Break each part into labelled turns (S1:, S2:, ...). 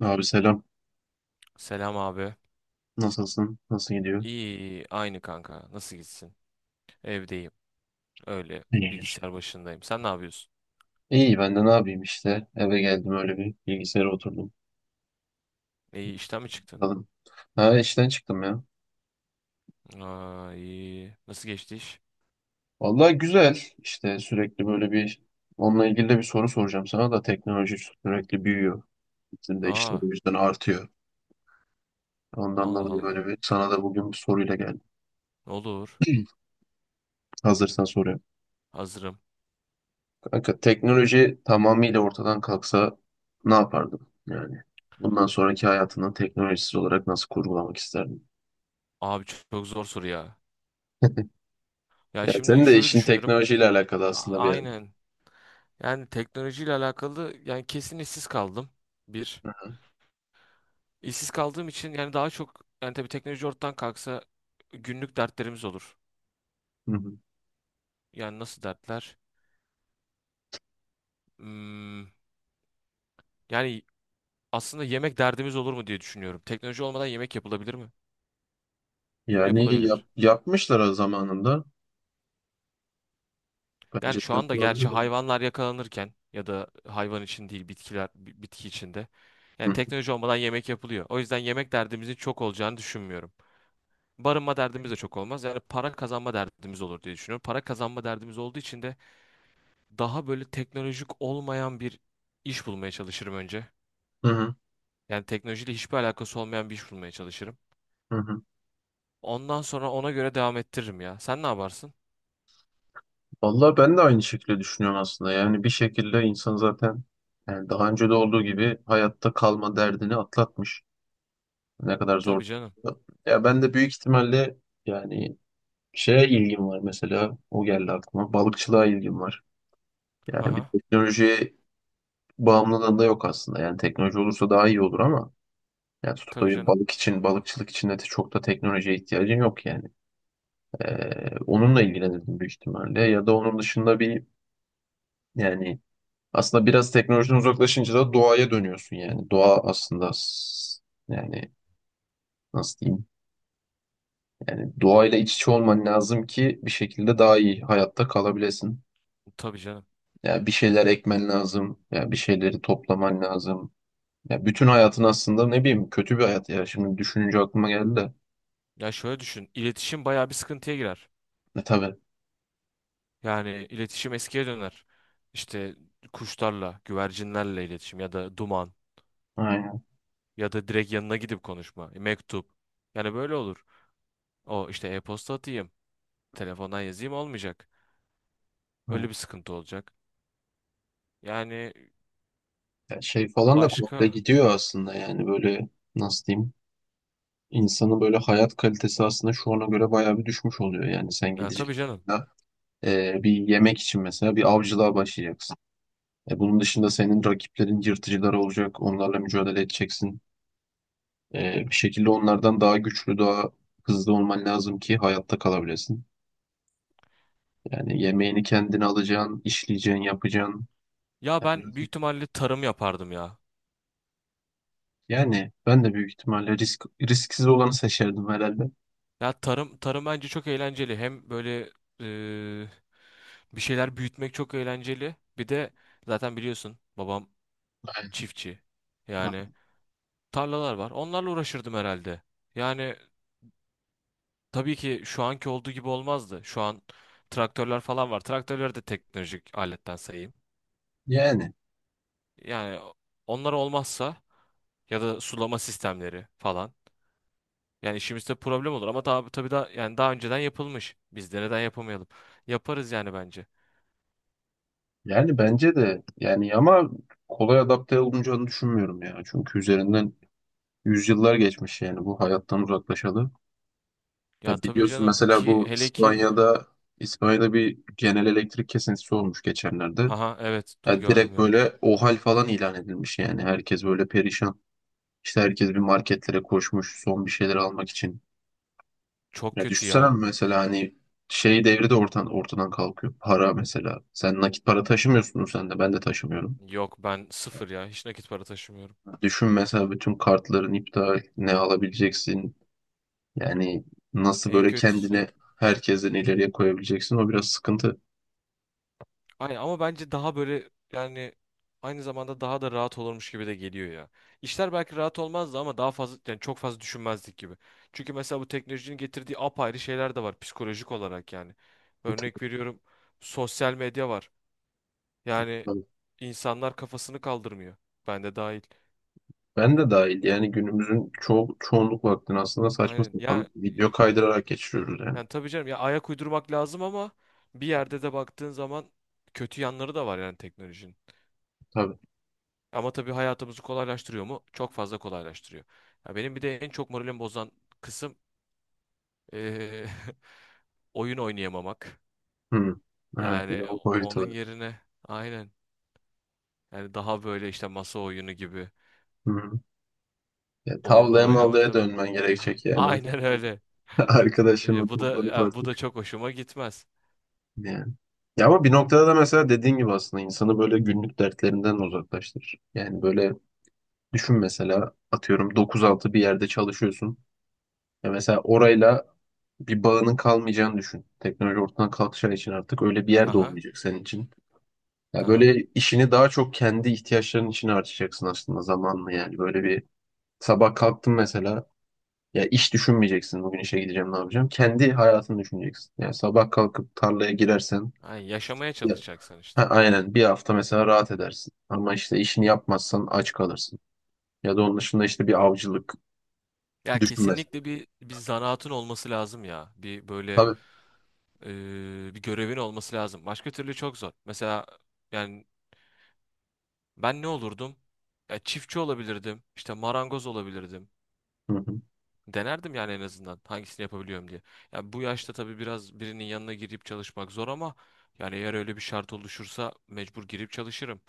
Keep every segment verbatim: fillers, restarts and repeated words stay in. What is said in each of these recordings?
S1: Abi selam.
S2: Selam abi.
S1: Nasılsın? Nasıl gidiyor?
S2: İyi, iyi, aynı kanka. Nasıl gitsin? Evdeyim. Öyle.
S1: İyidir.
S2: Bilgisayar başındayım. Sen ne yapıyorsun?
S1: İyi ben de ne yapayım işte. Eve geldim öyle bir bilgisayara oturdum.
S2: İyi, işten mi çıktın?
S1: Bakalım. Ha işten çıktım ya.
S2: Aa, iyi. Nasıl geçti iş?
S1: Vallahi güzel. İşte sürekli böyle bir onunla ilgili de bir soru soracağım sana da, teknoloji sürekli büyüyor. Bizim de işler o
S2: Aa,
S1: yüzden artıyor. Ondan
S2: Allah
S1: dolayı
S2: Allah.
S1: böyle bir sana da bugün bir soruyla geldim.
S2: Ne olur.
S1: Hazırsan soruyorum.
S2: Hazırım.
S1: Kanka teknoloji tamamıyla ortadan kalksa ne yapardın? Yani bundan sonraki hayatını teknolojisiz olarak nasıl kurgulamak isterdin?
S2: Abi çok, çok zor soru ya. Ya
S1: Ya
S2: şimdi
S1: senin de
S2: şöyle
S1: işin
S2: düşünürüm.
S1: teknolojiyle alakalı
S2: A-
S1: aslında bir yer.
S2: Aynen. Yani teknolojiyle alakalı, yani kesin işsiz kaldım. Bir. İşsiz kaldığım için, yani daha çok yani tabii teknoloji ortadan kalksa günlük dertlerimiz olur.
S1: Hı hı.
S2: Yani nasıl dertler? Hmm, yani aslında yemek derdimiz olur mu diye düşünüyorum. Teknoloji olmadan yemek yapılabilir mi?
S1: Yani yap,
S2: Yapılabilir.
S1: yapmışlar o zamanında. Bence
S2: Yani
S1: de
S2: şu anda gerçi
S1: yapılabilir yani.
S2: hayvanlar yakalanırken ya da hayvan için değil, bitkiler bi- bitki içinde.
S1: Hı
S2: Yani
S1: hı.
S2: teknoloji olmadan yemek yapılıyor. O yüzden yemek derdimizin çok olacağını düşünmüyorum. Barınma derdimiz de çok olmaz. Yani para kazanma derdimiz olur diye düşünüyorum. Para kazanma derdimiz olduğu için de daha böyle teknolojik olmayan bir iş bulmaya çalışırım önce.
S1: Hı hı.
S2: Yani teknolojiyle hiçbir alakası olmayan bir iş bulmaya çalışırım.
S1: Hı.
S2: Ondan sonra ona göre devam ettiririm ya. Sen ne yaparsın?
S1: Vallahi ben de aynı şekilde düşünüyorum aslında. Yani bir şekilde insan zaten, yani daha önce de olduğu gibi, hayatta kalma derdini atlatmış. Ne kadar zor.
S2: Tabii canım.
S1: Ya ben de büyük ihtimalle, yani şeye ilgim var mesela. O geldi aklıma. Balıkçılığa ilgim var. Yani bir
S2: Haha.
S1: teknolojiye bağımlılığım da yok aslında. Yani teknoloji olursa daha iyi olur ama yani
S2: Tabii
S1: tuttuğu
S2: canım.
S1: balık için, balıkçılık için de çok da teknolojiye ihtiyacın yok yani. Ee, onunla ilgilenirdim büyük ihtimalle. Ya da onun dışında bir yani aslında biraz teknolojiden uzaklaşınca da doğaya dönüyorsun yani. Doğa aslında s- yani nasıl diyeyim? Yani doğayla iç içe olman lazım ki bir şekilde daha iyi hayatta kalabilesin.
S2: Tabii canım.
S1: Yani bir şeyler ekmen lazım. Yani bir şeyleri toplaman lazım. Ya bütün hayatın aslında ne bileyim kötü bir hayat ya. Şimdi düşününce aklıma geldi de.
S2: Ya şöyle düşün, İletişim bayağı bir sıkıntıya girer.
S1: E tabii.
S2: Yani iletişim eskiye döner. İşte kuşlarla, güvercinlerle iletişim ya da duman
S1: Aynen.
S2: ya da direkt yanına gidip konuşma, e, mektup. Yani böyle olur. O işte e-posta atayım, telefondan yazayım olmayacak.
S1: Aynen.
S2: Öyle bir sıkıntı olacak. Yani
S1: Ya şey falan da komple
S2: başka?
S1: gidiyor aslında yani böyle nasıl diyeyim, insanın böyle hayat kalitesi aslında şu ana göre bayağı bir düşmüş oluyor. Yani sen
S2: Ya
S1: gideceksin
S2: tabii canım.
S1: da, e, bir yemek için mesela bir avcılığa başlayacaksın. E, bunun dışında senin rakiplerin yırtıcılar olacak, onlarla mücadele edeceksin. E, bir şekilde onlardan daha güçlü, daha hızlı olman lazım ki hayatta kalabilesin. Yani yemeğini kendine alacaksın, işleyeceksin, yapacaksın.
S2: Ya
S1: Ya
S2: ben büyük
S1: birazcık-
S2: ihtimalle tarım yapardım ya.
S1: Yani ben de büyük ihtimalle risk risksiz olanı seçerdim herhalde.
S2: Ya tarım tarım bence çok eğlenceli. Hem böyle e, bir şeyler büyütmek çok eğlenceli. Bir de zaten biliyorsun, babam çiftçi. Yani
S1: Aynen.
S2: tarlalar var. Onlarla uğraşırdım herhalde. Yani tabii ki şu anki olduğu gibi olmazdı. Şu an traktörler falan var. Traktörleri de teknolojik aletten sayayım.
S1: Yani.
S2: Yani onlar olmazsa ya da sulama sistemleri falan. Yani işimizde problem olur, ama tabii tabii da yani daha önceden yapılmış. Biz de neden yapamayalım? Yaparız yani bence.
S1: Yani bence de yani ama kolay adapte olunacağını düşünmüyorum ya. Çünkü üzerinden yüzyıllar geçmiş yani bu hayattan uzaklaşalı. Ya
S2: Ya tabii
S1: biliyorsun
S2: canım
S1: mesela
S2: ki,
S1: bu
S2: hele ki
S1: İspanya'da İspanya'da bir genel elektrik kesintisi olmuş geçenlerde.
S2: haha evet, du
S1: Ya
S2: gördüm,
S1: direkt
S2: gördüm.
S1: böyle OHAL falan ilan edilmiş yani herkes böyle perişan. İşte herkes bir marketlere koşmuş son bir şeyler almak için.
S2: Çok
S1: Ya
S2: kötü
S1: düşünsene
S2: ya.
S1: mesela hani şey devri de ortadan, ortadan kalkıyor. Para mesela. Sen nakit para taşımıyorsun, sen de ben de taşımıyorum.
S2: Yok, ben sıfır ya. Hiç nakit para taşımıyorum.
S1: Düşün mesela bütün kartların iptal, ne alabileceksin? Yani nasıl
S2: En
S1: böyle
S2: kötüsü,
S1: kendine herkesten ileriye koyabileceksin? O biraz sıkıntı.
S2: ay, ama bence daha böyle, yani aynı zamanda daha da rahat olurmuş gibi de geliyor ya. İşler belki rahat olmazdı ama daha fazla, yani çok fazla düşünmezdik gibi. Çünkü mesela bu teknolojinin getirdiği apayrı şeyler de var psikolojik olarak yani. Örnek veriyorum, sosyal medya var. Yani
S1: Tabii.
S2: insanlar kafasını kaldırmıyor. Ben de dahil.
S1: Ben de dahil yani günümüzün ço çoğunluk vaktini aslında saçma
S2: Aynen. Ya,
S1: sapan video kaydırarak geçiriyoruz yani.
S2: yani tabii canım ya, ayak uydurmak lazım, ama bir yerde de baktığın zaman kötü yanları da var yani teknolojinin.
S1: Tabii.
S2: Ama tabii hayatımızı kolaylaştırıyor mu? Çok fazla kolaylaştırıyor. Ya benim bir de en çok moralimi bozan kısım eee, oyun oynayamamak.
S1: Hı. Evet, bir de
S2: Yani
S1: o boyutu
S2: onun
S1: var.
S2: yerine aynen, yani daha böyle işte masa oyunu gibi
S1: Hı. Ya,
S2: oyunlar
S1: tavlaya
S2: oynamak
S1: mavlaya
S2: tabii
S1: dönmen gerekecek yani.
S2: aynen öyle.
S1: Arkadaşımla
S2: Eee, bu da
S1: toplanıp
S2: yani bu da
S1: artık.
S2: çok hoşuma gitmez.
S1: Yani. Ya ama bir noktada da mesela dediğin gibi aslında insanı böyle günlük dertlerinden uzaklaştırır. Yani böyle düşün mesela, atıyorum dokuz altı bir yerde çalışıyorsun. Ya mesela orayla bir bağının kalmayacağını düşün. Teknoloji ortadan kalkacağı için artık öyle bir yer de
S2: Haha.
S1: olmayacak senin için. Ya
S2: Haha.
S1: böyle işini daha çok kendi ihtiyaçların için harcayacaksın aslında zamanla yani. Böyle bir sabah kalktın mesela, ya iş düşünmeyeceksin bugün işe gideceğim ne yapacağım. Kendi hayatını düşüneceksin. Yani sabah kalkıp tarlaya girersen
S2: Yani yaşamaya
S1: ya,
S2: çalışacaksın
S1: ha,
S2: işte.
S1: aynen, bir hafta mesela rahat edersin. Ama işte işini yapmazsan aç kalırsın. Ya da onun dışında işte bir avcılık
S2: Ya
S1: düşün mesela,
S2: kesinlikle bir bir zanaatın olması lazım ya. Bir böyle
S1: düşünmez.
S2: e, bir görevin olması lazım. Başka türlü çok zor. Mesela yani ben ne olurdum? Ya çiftçi olabilirdim, işte marangoz olabilirdim.
S1: Hı hı.
S2: Denerdim yani en azından hangisini yapabiliyorum diye. Ya bu yaşta tabii biraz birinin yanına girip çalışmak zor, ama yani eğer öyle bir şart oluşursa mecbur girip çalışırım.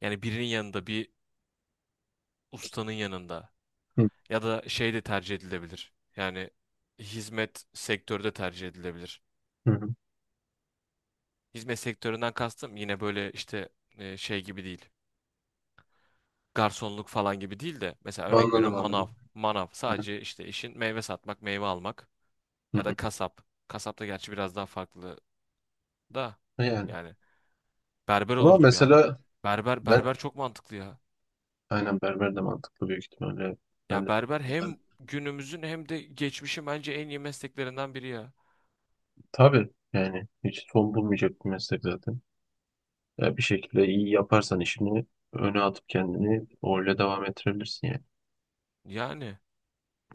S2: Yani birinin yanında, bir ustanın yanında
S1: Hı
S2: ya da şey de tercih edilebilir. Yani hizmet sektörü de tercih edilebilir.
S1: hı. Hı.
S2: Hizmet sektöründen kastım yine böyle işte e, şey gibi değil. Garsonluk falan gibi değil de mesela örnek
S1: Anladım,
S2: veriyorum manav.
S1: anladım.
S2: Manav
S1: Hı
S2: sadece işte işin meyve satmak, meyve almak
S1: hı.
S2: ya da
S1: Hı.
S2: kasap. Kasap da gerçi biraz daha farklı da
S1: Yani.
S2: yani berber
S1: Ama
S2: olurdum ya.
S1: mesela
S2: Berber
S1: ben,
S2: berber çok mantıklı ya.
S1: aynen, berber de mantıklı büyük ihtimalle. Ben de
S2: Ya berber hem günümüzün hem de geçmişin bence en iyi mesleklerinden biri ya.
S1: tabii yani hiç son bulmayacak bir meslek zaten. Ya bir şekilde iyi yaparsan işini öne atıp kendini öyle devam ettirebilirsin yani.
S2: Yani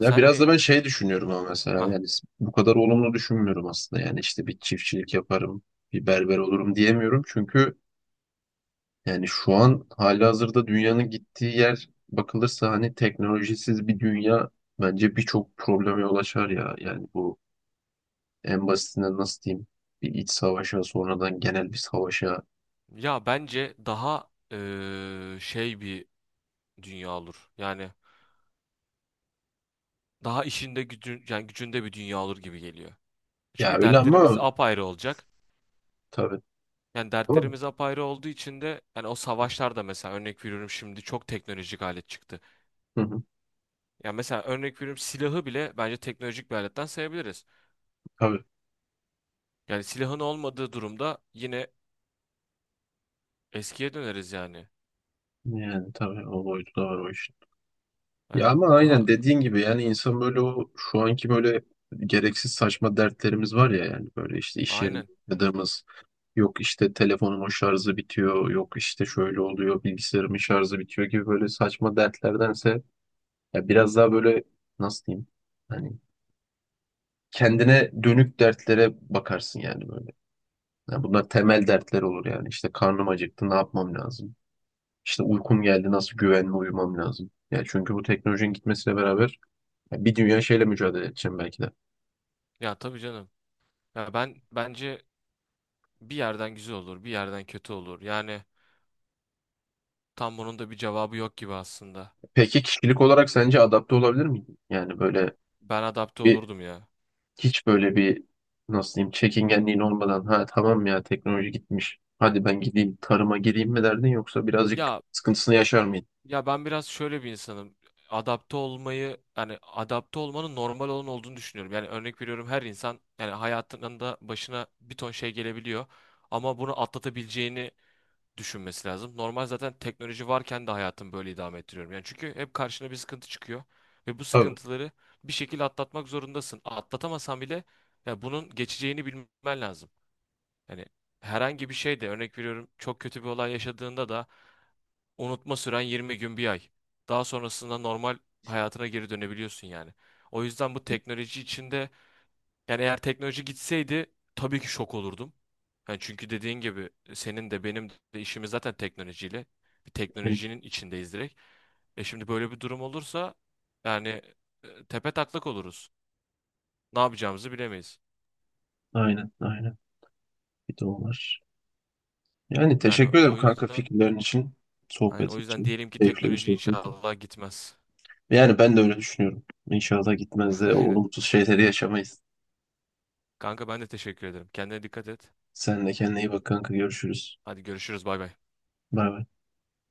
S1: Ya biraz da
S2: ne,
S1: ben şey düşünüyorum ama mesela
S2: ha,
S1: yani bu kadar olumlu düşünmüyorum aslında. Yani işte bir çiftçilik yaparım, bir berber olurum diyemiyorum. Çünkü yani şu an halihazırda dünyanın gittiği yer bakılırsa hani teknolojisiz bir dünya bence birçok probleme yol açar ya. Yani bu en basitinden nasıl diyeyim, bir iç savaşa, sonradan genel bir savaşa.
S2: ya bence daha e, şey bir dünya olur. Yani daha işinde gücün, yani gücünde bir dünya olur gibi geliyor.
S1: Ya
S2: Çünkü
S1: öyle
S2: dertlerimiz
S1: ama
S2: apayrı olacak.
S1: tabii.
S2: Yani
S1: Tabii.
S2: dertlerimiz apayrı olduğu için de yani o savaşlarda mesela örnek veriyorum şimdi çok teknolojik alet çıktı.
S1: Hı hı,
S2: Yani mesela örnek veriyorum silahı bile bence teknolojik bir aletten sayabiliriz.
S1: tabii.
S2: Yani silahın olmadığı durumda yine eskiye döneriz yani.
S1: Yani tabii o boyutu da var o işin. Ya
S2: Hani
S1: ama
S2: daha
S1: aynen dediğin gibi yani insan böyle, o şu anki böyle gereksiz saçma dertlerimiz var ya, yani böyle işte iş yerinde
S2: aynen.
S1: yaşadığımız. Yok işte telefonumun şarjı bitiyor, yok işte şöyle oluyor, bilgisayarımın şarjı bitiyor gibi böyle saçma dertlerdense ya biraz daha böyle nasıl diyeyim? Hani kendine dönük dertlere bakarsın yani böyle. Ya bunlar temel dertler olur yani. İşte karnım acıktı, ne yapmam lazım? İşte uykum geldi, nasıl güvenli uyumam lazım? Ya çünkü bu teknolojinin gitmesiyle beraber ya bir dünya şeyle mücadele edeceğim belki de.
S2: Ya tabii canım. Ya ben bence bir yerden güzel olur, bir yerden kötü olur. Yani tam bunun da bir cevabı yok gibi aslında.
S1: Peki kişilik olarak sence adapte olabilir miyim? Yani böyle
S2: Ben adapte
S1: bir,
S2: olurdum ya.
S1: hiç böyle bir, nasıl diyeyim, çekingenliğin olmadan ha tamam ya teknoloji gitmiş, hadi ben gideyim tarıma gireyim mi derdin, yoksa birazcık
S2: Ya,
S1: sıkıntısını yaşar mıydın?
S2: ya ben biraz şöyle bir insanım. Adapte olmayı, yani adapte olmanın normal olan olduğunu düşünüyorum. Yani örnek veriyorum her insan yani hayatında başına bir ton şey gelebiliyor ama bunu atlatabileceğini düşünmesi lazım. Normal, zaten teknoloji varken de hayatımı böyle idame ettiriyorum. Yani çünkü hep karşına bir sıkıntı çıkıyor ve bu
S1: Tabii.
S2: sıkıntıları bir şekilde atlatmak zorundasın. Atlatamasan bile ya bunun geçeceğini bilmen lazım. Yani herhangi bir şey de örnek veriyorum, çok kötü bir olay yaşadığında da unutma süren yirmi gün, bir ay. Daha sonrasında normal hayatına geri dönebiliyorsun yani. O yüzden bu teknoloji içinde, yani eğer teknoloji gitseydi tabii ki şok olurdum. Yani çünkü dediğin gibi senin de benim de işimiz zaten teknolojiyle. Bir
S1: Yani,
S2: teknolojinin içindeyiz direkt. E şimdi böyle bir durum olursa yani e, tepe taklak oluruz. Ne yapacağımızı bilemeyiz.
S1: aynen aynen bir de o var. Yani
S2: Yani
S1: teşekkür ederim
S2: o
S1: kanka,
S2: yüzden,
S1: fikirlerin için,
S2: yani
S1: sohbet
S2: o yüzden
S1: için.
S2: diyelim ki
S1: Keyifli bir
S2: teknoloji
S1: sohbetti.
S2: inşallah gitmez.
S1: Yani ben de öyle düşünüyorum. İnşallah gitmez de
S2: Aynen.
S1: olumsuz şeyleri yaşamayız.
S2: Kanka ben de teşekkür ederim. Kendine dikkat et.
S1: Sen de kendine iyi bak kanka, görüşürüz.
S2: Hadi görüşürüz, bay bay.
S1: Bay bay.